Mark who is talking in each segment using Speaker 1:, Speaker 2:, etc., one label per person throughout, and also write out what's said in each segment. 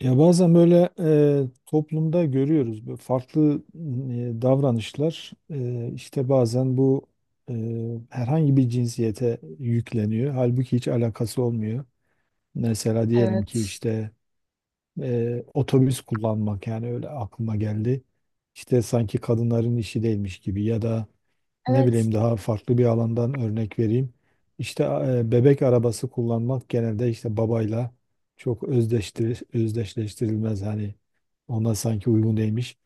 Speaker 1: Ya bazen böyle toplumda görüyoruz böyle farklı davranışlar işte bazen bu e, herhangi bir cinsiyete yükleniyor. Halbuki hiç alakası olmuyor. Mesela diyelim ki
Speaker 2: Evet.
Speaker 1: işte otobüs kullanmak, yani öyle aklıma geldi. İşte sanki kadınların işi değilmiş gibi, ya da ne
Speaker 2: Evet,
Speaker 1: bileyim daha farklı bir alandan örnek vereyim. İşte bebek arabası kullanmak genelde işte babayla çok özdeştir, özdeşleştirilmez hani, ona sanki uygun değilmiş.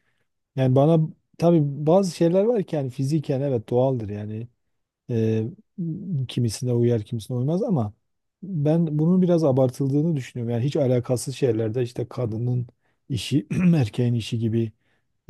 Speaker 1: Yani bana tabii bazı şeyler var ki, yani fiziken evet doğaldır yani, ee, kimisine uyar kimisine uymaz ama ben bunun biraz abartıldığını düşünüyorum. Yani hiç alakasız şeylerde işte kadının işi erkeğin işi gibi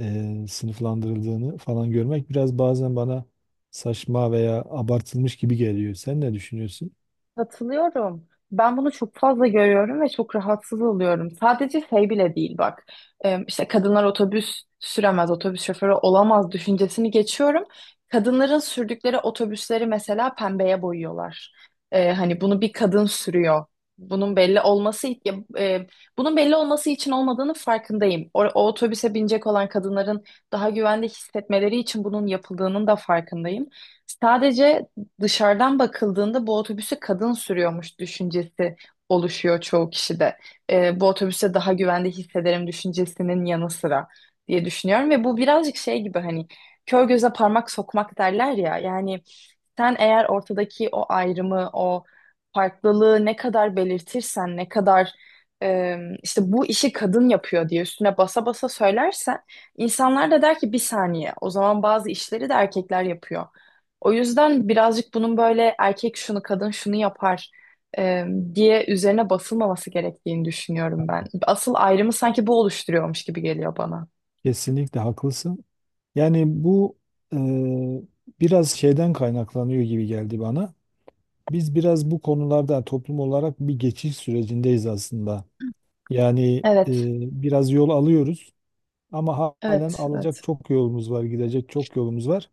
Speaker 1: sınıflandırıldığını falan görmek biraz bazen bana saçma veya abartılmış gibi geliyor. Sen ne düşünüyorsun?
Speaker 2: katılıyorum. Ben bunu çok fazla görüyorum ve çok rahatsız oluyorum. Sadece şey bile değil bak. İşte kadınlar otobüs süremez, otobüs şoförü olamaz düşüncesini geçiyorum. Kadınların sürdükleri otobüsleri mesela pembeye boyuyorlar. Hani bunu bir kadın sürüyor. Bunun belli olması ya, e, bunun belli olması için olmadığını farkındayım. O otobüse binecek olan kadınların daha güvende hissetmeleri için bunun yapıldığının da farkındayım. Sadece dışarıdan bakıldığında bu otobüsü kadın sürüyormuş düşüncesi oluşuyor çoğu kişide. Bu otobüse daha güvende hissederim düşüncesinin yanı sıra diye düşünüyorum ve bu birazcık şey gibi hani kör göze parmak sokmak derler ya yani sen eğer ortadaki o ayrımı, o farklılığı ne kadar belirtirsen, ne kadar e, işte bu işi kadın yapıyor diye üstüne basa basa söylersen, insanlar da der ki bir saniye, o zaman bazı işleri de erkekler yapıyor. O yüzden birazcık bunun böyle erkek şunu, kadın şunu yapar e, diye üzerine basılmaması gerektiğini düşünüyorum ben. Asıl ayrımı sanki bu oluşturuyormuş gibi geliyor bana.
Speaker 1: Kesinlikle haklısın. Yani bu e, biraz şeyden kaynaklanıyor gibi geldi bana. Biz biraz bu konularda toplum olarak bir geçiş sürecindeyiz aslında. Yani e,
Speaker 2: Evet,
Speaker 1: biraz yol alıyoruz ama halen
Speaker 2: evet,
Speaker 1: alacak
Speaker 2: evet.
Speaker 1: çok yolumuz var, gidecek çok yolumuz var.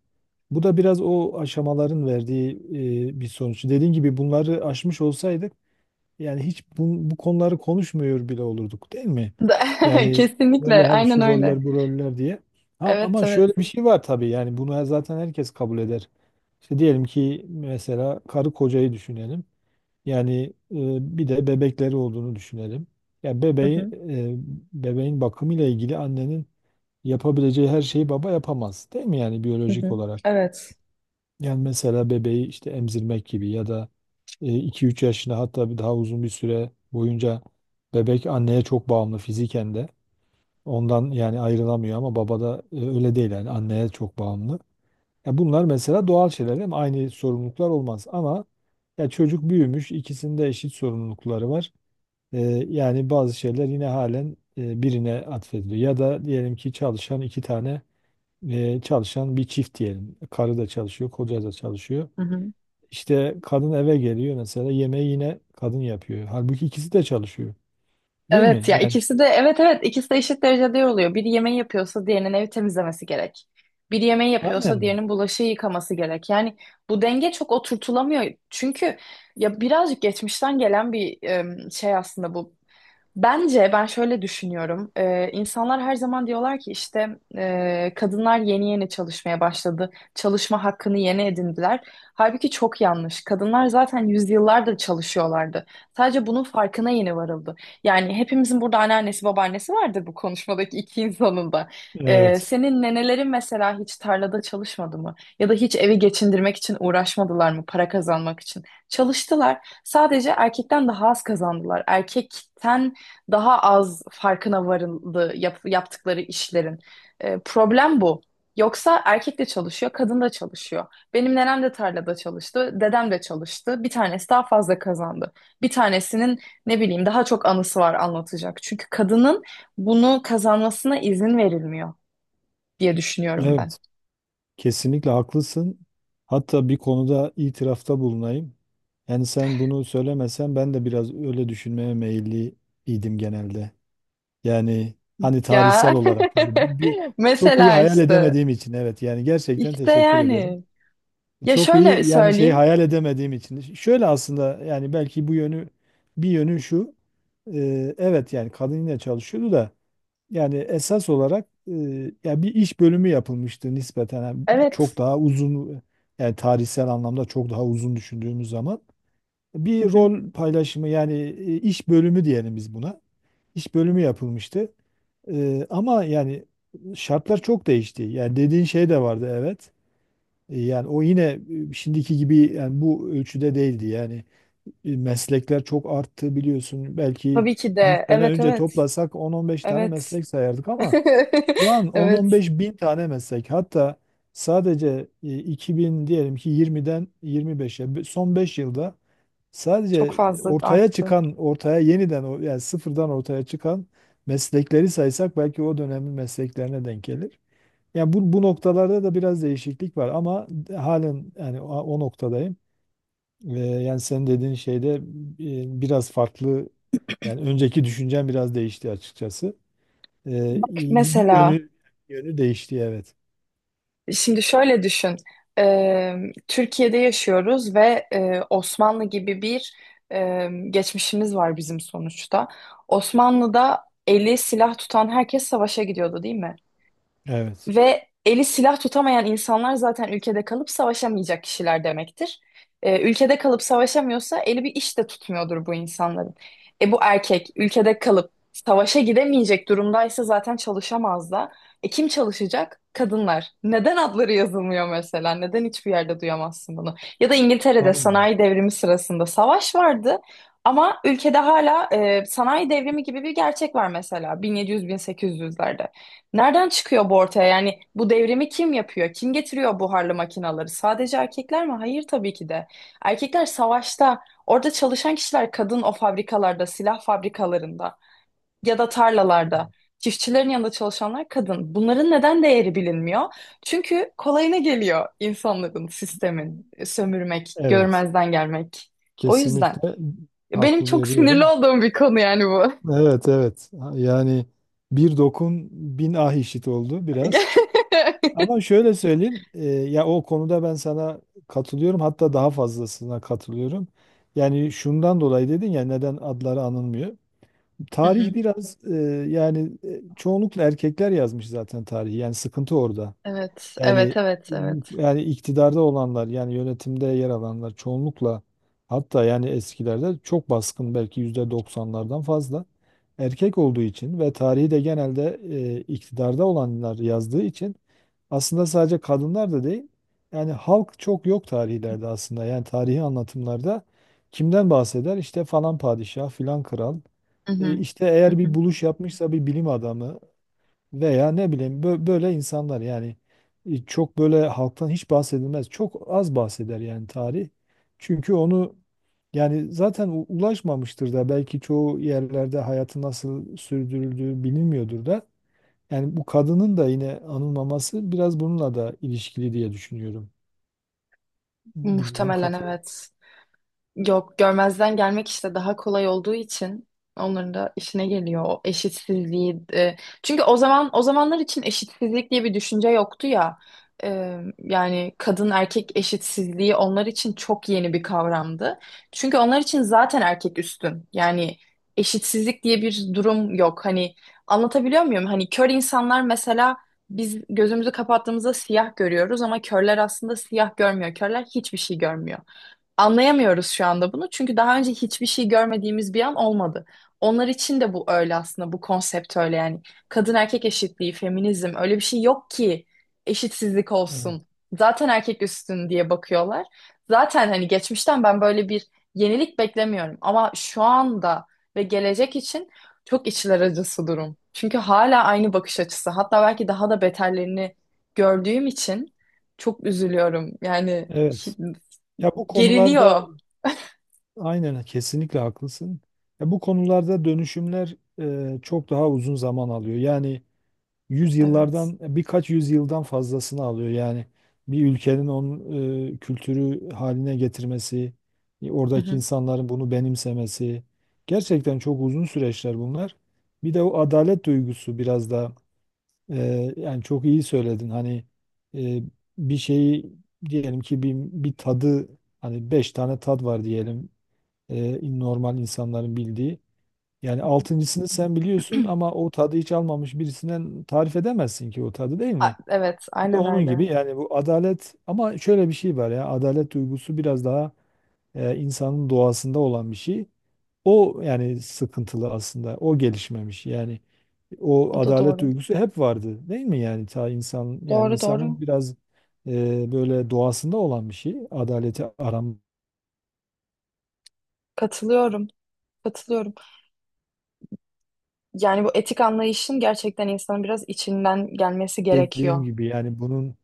Speaker 1: Bu da biraz o aşamaların verdiği bir sonuç. Dediğin gibi bunları aşmış olsaydık yani hiç bu konuları konuşmuyor bile olurduk, değil mi? Yani böyle
Speaker 2: Kesinlikle,
Speaker 1: hani
Speaker 2: aynen
Speaker 1: şu
Speaker 2: öyle.
Speaker 1: roller bu roller diye. Ama,
Speaker 2: Evet,
Speaker 1: ama
Speaker 2: evet.
Speaker 1: şöyle bir şey var tabii, yani bunu zaten herkes kabul eder. İşte diyelim ki mesela karı kocayı düşünelim. Yani bir de bebekleri olduğunu düşünelim. Ya
Speaker 2: Hı hı.
Speaker 1: bebeğin bakımıyla ilgili annenin yapabileceği her şeyi baba yapamaz, değil mi, yani
Speaker 2: Hı
Speaker 1: biyolojik
Speaker 2: hı.
Speaker 1: olarak?
Speaker 2: Evet.
Speaker 1: Yani mesela bebeği işte emzirmek gibi ya da 2-3 yaşına, hatta bir daha uzun bir süre boyunca bebek anneye çok bağımlı, fiziken de. Ondan yani ayrılamıyor ama babada öyle değil, yani anneye çok bağımlı. Ya bunlar mesela doğal şeyler, değil mi? Aynı sorumluluklar olmaz ama, ya çocuk büyümüş, ikisinde eşit sorumlulukları var. Ee, Yani bazı şeyler yine halen birine atfediliyor. Ya da diyelim ki çalışan iki tane e, çalışan bir çift diyelim. Karı da çalışıyor, koca da çalışıyor.
Speaker 2: Hı hı.
Speaker 1: İşte kadın eve geliyor mesela, yemeği yine kadın yapıyor. Halbuki ikisi de çalışıyor. Değil mi?
Speaker 2: Evet ya,
Speaker 1: Yani
Speaker 2: ikisi de evet evet ikisi de eşit derecede oluyor. Biri yemeği yapıyorsa diğerinin evi temizlemesi gerek. Biri yemeği yapıyorsa
Speaker 1: aynen.
Speaker 2: diğerinin bulaşığı yıkaması gerek. Yani bu denge çok oturtulamıyor. Çünkü ya birazcık geçmişten gelen bir şey aslında bu. Bence ben şöyle düşünüyorum. İnsanlar her zaman diyorlar ki işte kadınlar yeni yeni çalışmaya başladı. Çalışma hakkını yeni edindiler. Halbuki çok yanlış. Kadınlar zaten yüzyıllardır çalışıyorlardı. Sadece bunun farkına yeni varıldı. Yani hepimizin burada anneannesi babaannesi vardır, bu konuşmadaki iki insanın da.
Speaker 1: Evet.
Speaker 2: Senin nenelerin mesela hiç tarlada çalışmadı mı? Ya da hiç evi geçindirmek için uğraşmadılar mı? Para kazanmak için. Çalıştılar. Sadece erkekten daha az kazandılar. Erkekten daha az farkına varıldı yaptıkları işlerin. Problem bu. Yoksa erkek de çalışıyor, kadın da çalışıyor. Benim nenem de tarlada çalıştı, dedem de çalıştı. Bir tanesi daha fazla kazandı. Bir tanesinin ne bileyim daha çok anısı var anlatacak. Çünkü kadının bunu kazanmasına izin verilmiyor diye düşünüyorum ben.
Speaker 1: Evet. Kesinlikle haklısın. Hatta bir konuda itirafta bulunayım. Yani sen bunu söylemesen ben de biraz öyle düşünmeye meyilli idim genelde. Yani hani
Speaker 2: Ya
Speaker 1: tarihsel olarak tabii bu bir çok iyi
Speaker 2: mesela
Speaker 1: hayal
Speaker 2: işte
Speaker 1: edemediğim için, evet, yani gerçekten
Speaker 2: işte
Speaker 1: teşekkür ederim.
Speaker 2: yani ya
Speaker 1: Çok
Speaker 2: şöyle
Speaker 1: iyi yani şey
Speaker 2: söyleyeyim.
Speaker 1: hayal edemediğim için. Şöyle aslında, yani belki bu yönü, bir yönü şu. Evet, yani kadın yine çalışıyordu da, yani esas olarak ya bir iş bölümü yapılmıştı nispeten. Yani çok
Speaker 2: Evet.
Speaker 1: daha uzun, yani tarihsel anlamda çok daha uzun düşündüğümüz zaman
Speaker 2: Hı
Speaker 1: bir
Speaker 2: hı.
Speaker 1: rol paylaşımı, yani iş bölümü diyelim biz buna. İş bölümü yapılmıştı. Ama yani şartlar çok değişti. Yani dediğin şey de vardı, evet. Yani o yine şimdiki gibi yani bu ölçüde değildi. Yani meslekler çok arttı biliyorsun. Belki
Speaker 2: Tabii ki
Speaker 1: 100
Speaker 2: de.
Speaker 1: sene
Speaker 2: Evet,
Speaker 1: önce
Speaker 2: evet.
Speaker 1: toplasak 10-15 tane
Speaker 2: Evet.
Speaker 1: meslek sayardık ama şu an
Speaker 2: Evet,
Speaker 1: 10-15 bin tane meslek. Hatta sadece 2000, diyelim ki 20'den 25'e, son 5 yılda
Speaker 2: çok
Speaker 1: sadece
Speaker 2: fazla
Speaker 1: ortaya
Speaker 2: arttı.
Speaker 1: çıkan, ortaya yeniden yani sıfırdan ortaya çıkan meslekleri saysak belki o dönemin mesleklerine denk gelir. Yani bu noktalarda da biraz değişiklik var ama halen yani o noktadayım. Yani senin dediğin şeyde biraz farklı, yani önceki düşüncem biraz değişti açıkçası. Bir
Speaker 2: Mesela
Speaker 1: yönü değişti, evet.
Speaker 2: şimdi şöyle düşün. Ee, Türkiye'de yaşıyoruz ve Osmanlı gibi bir geçmişimiz var bizim sonuçta. Osmanlı'da eli silah tutan herkes savaşa gidiyordu, değil mi?
Speaker 1: Evet.
Speaker 2: Ve eli silah tutamayan insanlar zaten ülkede kalıp savaşamayacak kişiler demektir. Ülkede kalıp savaşamıyorsa eli bir iş de tutmuyordur bu insanların. E bu erkek ülkede kalıp savaşa gidemeyecek durumdaysa zaten çalışamaz da. E kim çalışacak? Kadınlar. Neden adları yazılmıyor mesela? Neden hiçbir yerde duyamazsın bunu? Ya da İngiltere'de
Speaker 1: Aynen.
Speaker 2: sanayi devrimi sırasında savaş vardı. Ama ülkede hala sanayi devrimi gibi bir gerçek var mesela 1700-1800'lerde. Nereden çıkıyor bu ortaya? Yani bu devrimi kim yapıyor? Kim getiriyor buharlı makinaları? Sadece erkekler mi? Hayır, tabii ki de. Erkekler savaşta, orada çalışan kişiler kadın o fabrikalarda, silah fabrikalarında ya da tarlalarda. Çiftçilerin yanında çalışanlar kadın. Bunların neden değeri bilinmiyor? Çünkü kolayına geliyor insanların, sistemin, sömürmek,
Speaker 1: Evet.
Speaker 2: görmezden gelmek. O yüzden
Speaker 1: Kesinlikle
Speaker 2: benim
Speaker 1: haklı
Speaker 2: çok sinirli
Speaker 1: veriyorum.
Speaker 2: olduğum bir konu yani bu.
Speaker 1: Evet, evet. Yani bir dokun, bin ah işit oldu biraz. Ama şöyle söyleyeyim, ya o konuda ben sana katılıyorum. Hatta daha fazlasına katılıyorum. Yani şundan dolayı dedin ya, neden adları anılmıyor.
Speaker 2: Hı
Speaker 1: Tarih
Speaker 2: hı.
Speaker 1: biraz yani, çoğunlukla erkekler yazmış zaten tarihi. Yani sıkıntı orada.
Speaker 2: Evet, evet,
Speaker 1: Yani
Speaker 2: evet, evet.
Speaker 1: yani iktidarda olanlar, yani yönetimde yer alanlar çoğunlukla, hatta yani eskilerde çok baskın, belki %90'lardan fazla erkek olduğu için ve tarihi de genelde iktidarda olanlar yazdığı için, aslında sadece kadınlar da değil, yani halk çok yok tarihlerde, aslında yani tarihi anlatımlarda kimden bahseder işte, falan padişah, filan kral.
Speaker 2: Hı hı.
Speaker 1: İşte
Speaker 2: Hı
Speaker 1: eğer bir
Speaker 2: hı.
Speaker 1: buluş yapmışsa bir bilim adamı veya ne bileyim böyle insanlar, yani çok böyle halktan hiç bahsedilmez. Çok az bahseder yani tarih. Çünkü onu yani zaten ulaşmamıştır da belki, çoğu yerlerde hayatı nasıl sürdürüldüğü bilinmiyordur da. Yani bu kadının da yine anılmaması biraz bununla da ilişkili diye düşünüyorum. Bilmem
Speaker 2: Muhtemelen
Speaker 1: katılır
Speaker 2: evet. Yok, görmezden gelmek işte daha kolay olduğu için onların da işine geliyor o eşitsizliği. Çünkü o zaman, o zamanlar için eşitsizlik diye bir düşünce yoktu ya. Yani kadın erkek eşitsizliği onlar için çok yeni bir kavramdı. Çünkü onlar için zaten erkek üstün. Yani eşitsizlik diye bir durum yok. Hani anlatabiliyor muyum? Hani kör insanlar mesela biz gözümüzü kapattığımızda siyah görüyoruz ama körler aslında siyah görmüyor. Körler hiçbir şey görmüyor. Anlayamıyoruz şu anda bunu çünkü daha önce hiçbir şey görmediğimiz bir an olmadı. Onlar için de bu öyle aslında, bu konsept öyle yani. Kadın erkek eşitliği, feminizm öyle bir şey yok ki eşitsizlik
Speaker 1: mısın?
Speaker 2: olsun. Zaten erkek üstün diye bakıyorlar. Zaten hani geçmişten ben böyle bir yenilik beklemiyorum ama şu anda ve gelecek için çok içler acısı durum. Çünkü hala aynı bakış açısı. Hatta belki daha da beterlerini gördüğüm için çok üzülüyorum. Yani hi-
Speaker 1: Evet. Ya bu konularda,
Speaker 2: geriliyor.
Speaker 1: aynen, kesinlikle haklısın. Ya bu konularda dönüşümler çok daha uzun zaman alıyor. Yani
Speaker 2: Evet.
Speaker 1: yüzyıllardan, birkaç yüzyıldan fazlasını alıyor. Yani bir ülkenin onun kültürü haline getirmesi,
Speaker 2: Hı
Speaker 1: oradaki
Speaker 2: hı,
Speaker 1: insanların bunu benimsemesi, gerçekten çok uzun süreçler bunlar. Bir de o adalet duygusu biraz da, yani çok iyi söyledin. Hani e, bir şeyi diyelim ki, bir tadı, hani beş tane tad var diyelim normal insanların bildiği. Yani
Speaker 2: hı
Speaker 1: altıncısını sen biliyorsun
Speaker 2: hı.
Speaker 1: ama o tadı hiç almamış birisinden tarif edemezsin ki o tadı, değil mi?
Speaker 2: Evet,
Speaker 1: Bu da
Speaker 2: aynen
Speaker 1: onun
Speaker 2: öyle.
Speaker 1: gibi, yani bu adalet, ama şöyle bir şey var ya, adalet duygusu biraz daha insanın doğasında olan bir şey. O yani sıkıntılı aslında, o gelişmemiş, yani o
Speaker 2: O da
Speaker 1: adalet
Speaker 2: doğru.
Speaker 1: duygusu hep vardı değil mi, yani ta insan, yani
Speaker 2: Doğru,
Speaker 1: insanın
Speaker 2: doğru.
Speaker 1: biraz böyle doğasında olan bir şey, adaleti aram
Speaker 2: Katılıyorum. Katılıyorum. Yani bu etik anlayışın gerçekten insanın biraz içinden gelmesi
Speaker 1: dediğim
Speaker 2: gerekiyor.
Speaker 1: gibi. Yani bunun,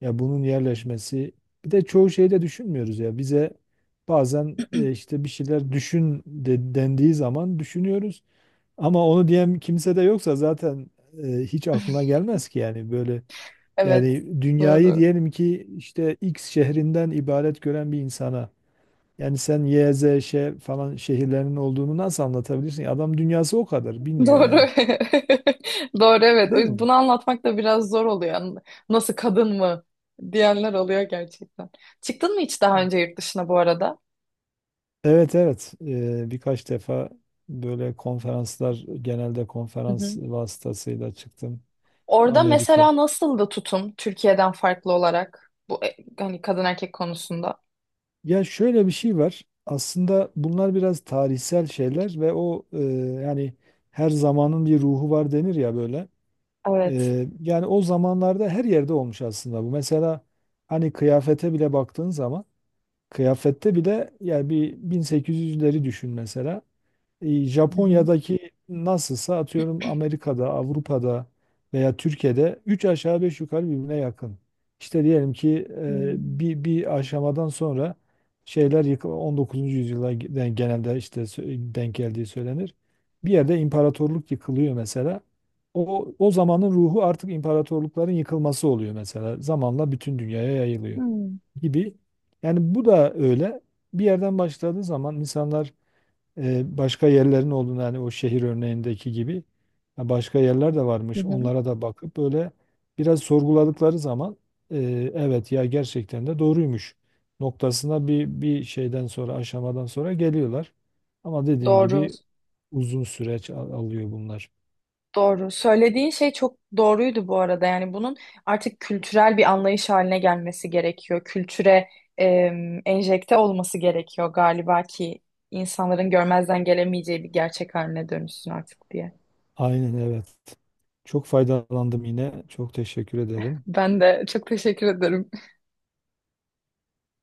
Speaker 1: ya bunun yerleşmesi, bir de çoğu şeyi de düşünmüyoruz ya, bize bazen işte bir şeyler düşün de, dendiği zaman düşünüyoruz ama onu diyen kimse de yoksa zaten hiç aklına gelmez ki. Yani böyle,
Speaker 2: Evet,
Speaker 1: yani dünyayı
Speaker 2: doğru.
Speaker 1: diyelim ki işte X şehrinden ibaret gören bir insana, yani sen Y, Z, Ş falan şehirlerinin olduğunu nasıl anlatabilirsin? Adam dünyası o kadar bilmiyor
Speaker 2: Doğru.
Speaker 1: yani.
Speaker 2: Doğru, evet. O
Speaker 1: Değil
Speaker 2: yüzden
Speaker 1: mi?
Speaker 2: bunu anlatmak da biraz zor oluyor. Yani nasıl kadın mı diyenler oluyor gerçekten. Çıktın mı hiç daha önce yurt dışına bu arada?
Speaker 1: Evet, evet. Birkaç defa böyle konferanslar, genelde
Speaker 2: Hı
Speaker 1: konferans
Speaker 2: hı.
Speaker 1: vasıtasıyla çıktım.
Speaker 2: Orada
Speaker 1: Amerika.
Speaker 2: mesela nasıldı tutum Türkiye'den farklı olarak bu hani kadın erkek konusunda?
Speaker 1: Ya şöyle bir şey var, aslında bunlar biraz tarihsel şeyler ve o, yani her zamanın bir ruhu var denir ya böyle.
Speaker 2: Evet.
Speaker 1: Yani o zamanlarda her yerde olmuş aslında bu. Mesela hani kıyafete bile baktığın zaman, kıyafette bile, yani bir 1800'leri düşün mesela.
Speaker 2: Hı hı.
Speaker 1: Japonya'daki nasılsa, atıyorum Amerika'da, Avrupa'da veya Türkiye'de 3 aşağı 5 yukarı birbirine yakın. İşte diyelim ki
Speaker 2: Hmm.
Speaker 1: bir aşamadan sonra şeyler XIX. yüzyıla genelde işte denk geldiği söylenir. Bir yerde imparatorluk yıkılıyor mesela. O zamanın ruhu artık imparatorlukların yıkılması oluyor mesela. Zamanla bütün dünyaya yayılıyor
Speaker 2: Hmm.
Speaker 1: gibi. Yani bu da öyle. Bir yerden başladığı zaman insanlar başka yerlerin olduğunu, hani o şehir örneğindeki gibi, ha, başka yerler de
Speaker 2: Hı
Speaker 1: varmış.
Speaker 2: hı.
Speaker 1: Onlara da bakıp böyle biraz sorguladıkları zaman, e, evet ya, gerçekten de doğruymuş noktasına, bir şeyden sonra, aşamadan sonra geliyorlar. Ama dediğim
Speaker 2: Doğru,
Speaker 1: gibi uzun süreç alıyor bunlar.
Speaker 2: doğru. Söylediğin şey çok doğruydu bu arada. Yani bunun artık kültürel bir anlayış haline gelmesi gerekiyor. Kültüre enjekte olması gerekiyor galiba ki insanların görmezden gelemeyeceği bir gerçek haline dönüşsün artık diye.
Speaker 1: Aynen, evet. Çok faydalandım yine. Çok teşekkür ederim.
Speaker 2: Ben de çok teşekkür ederim.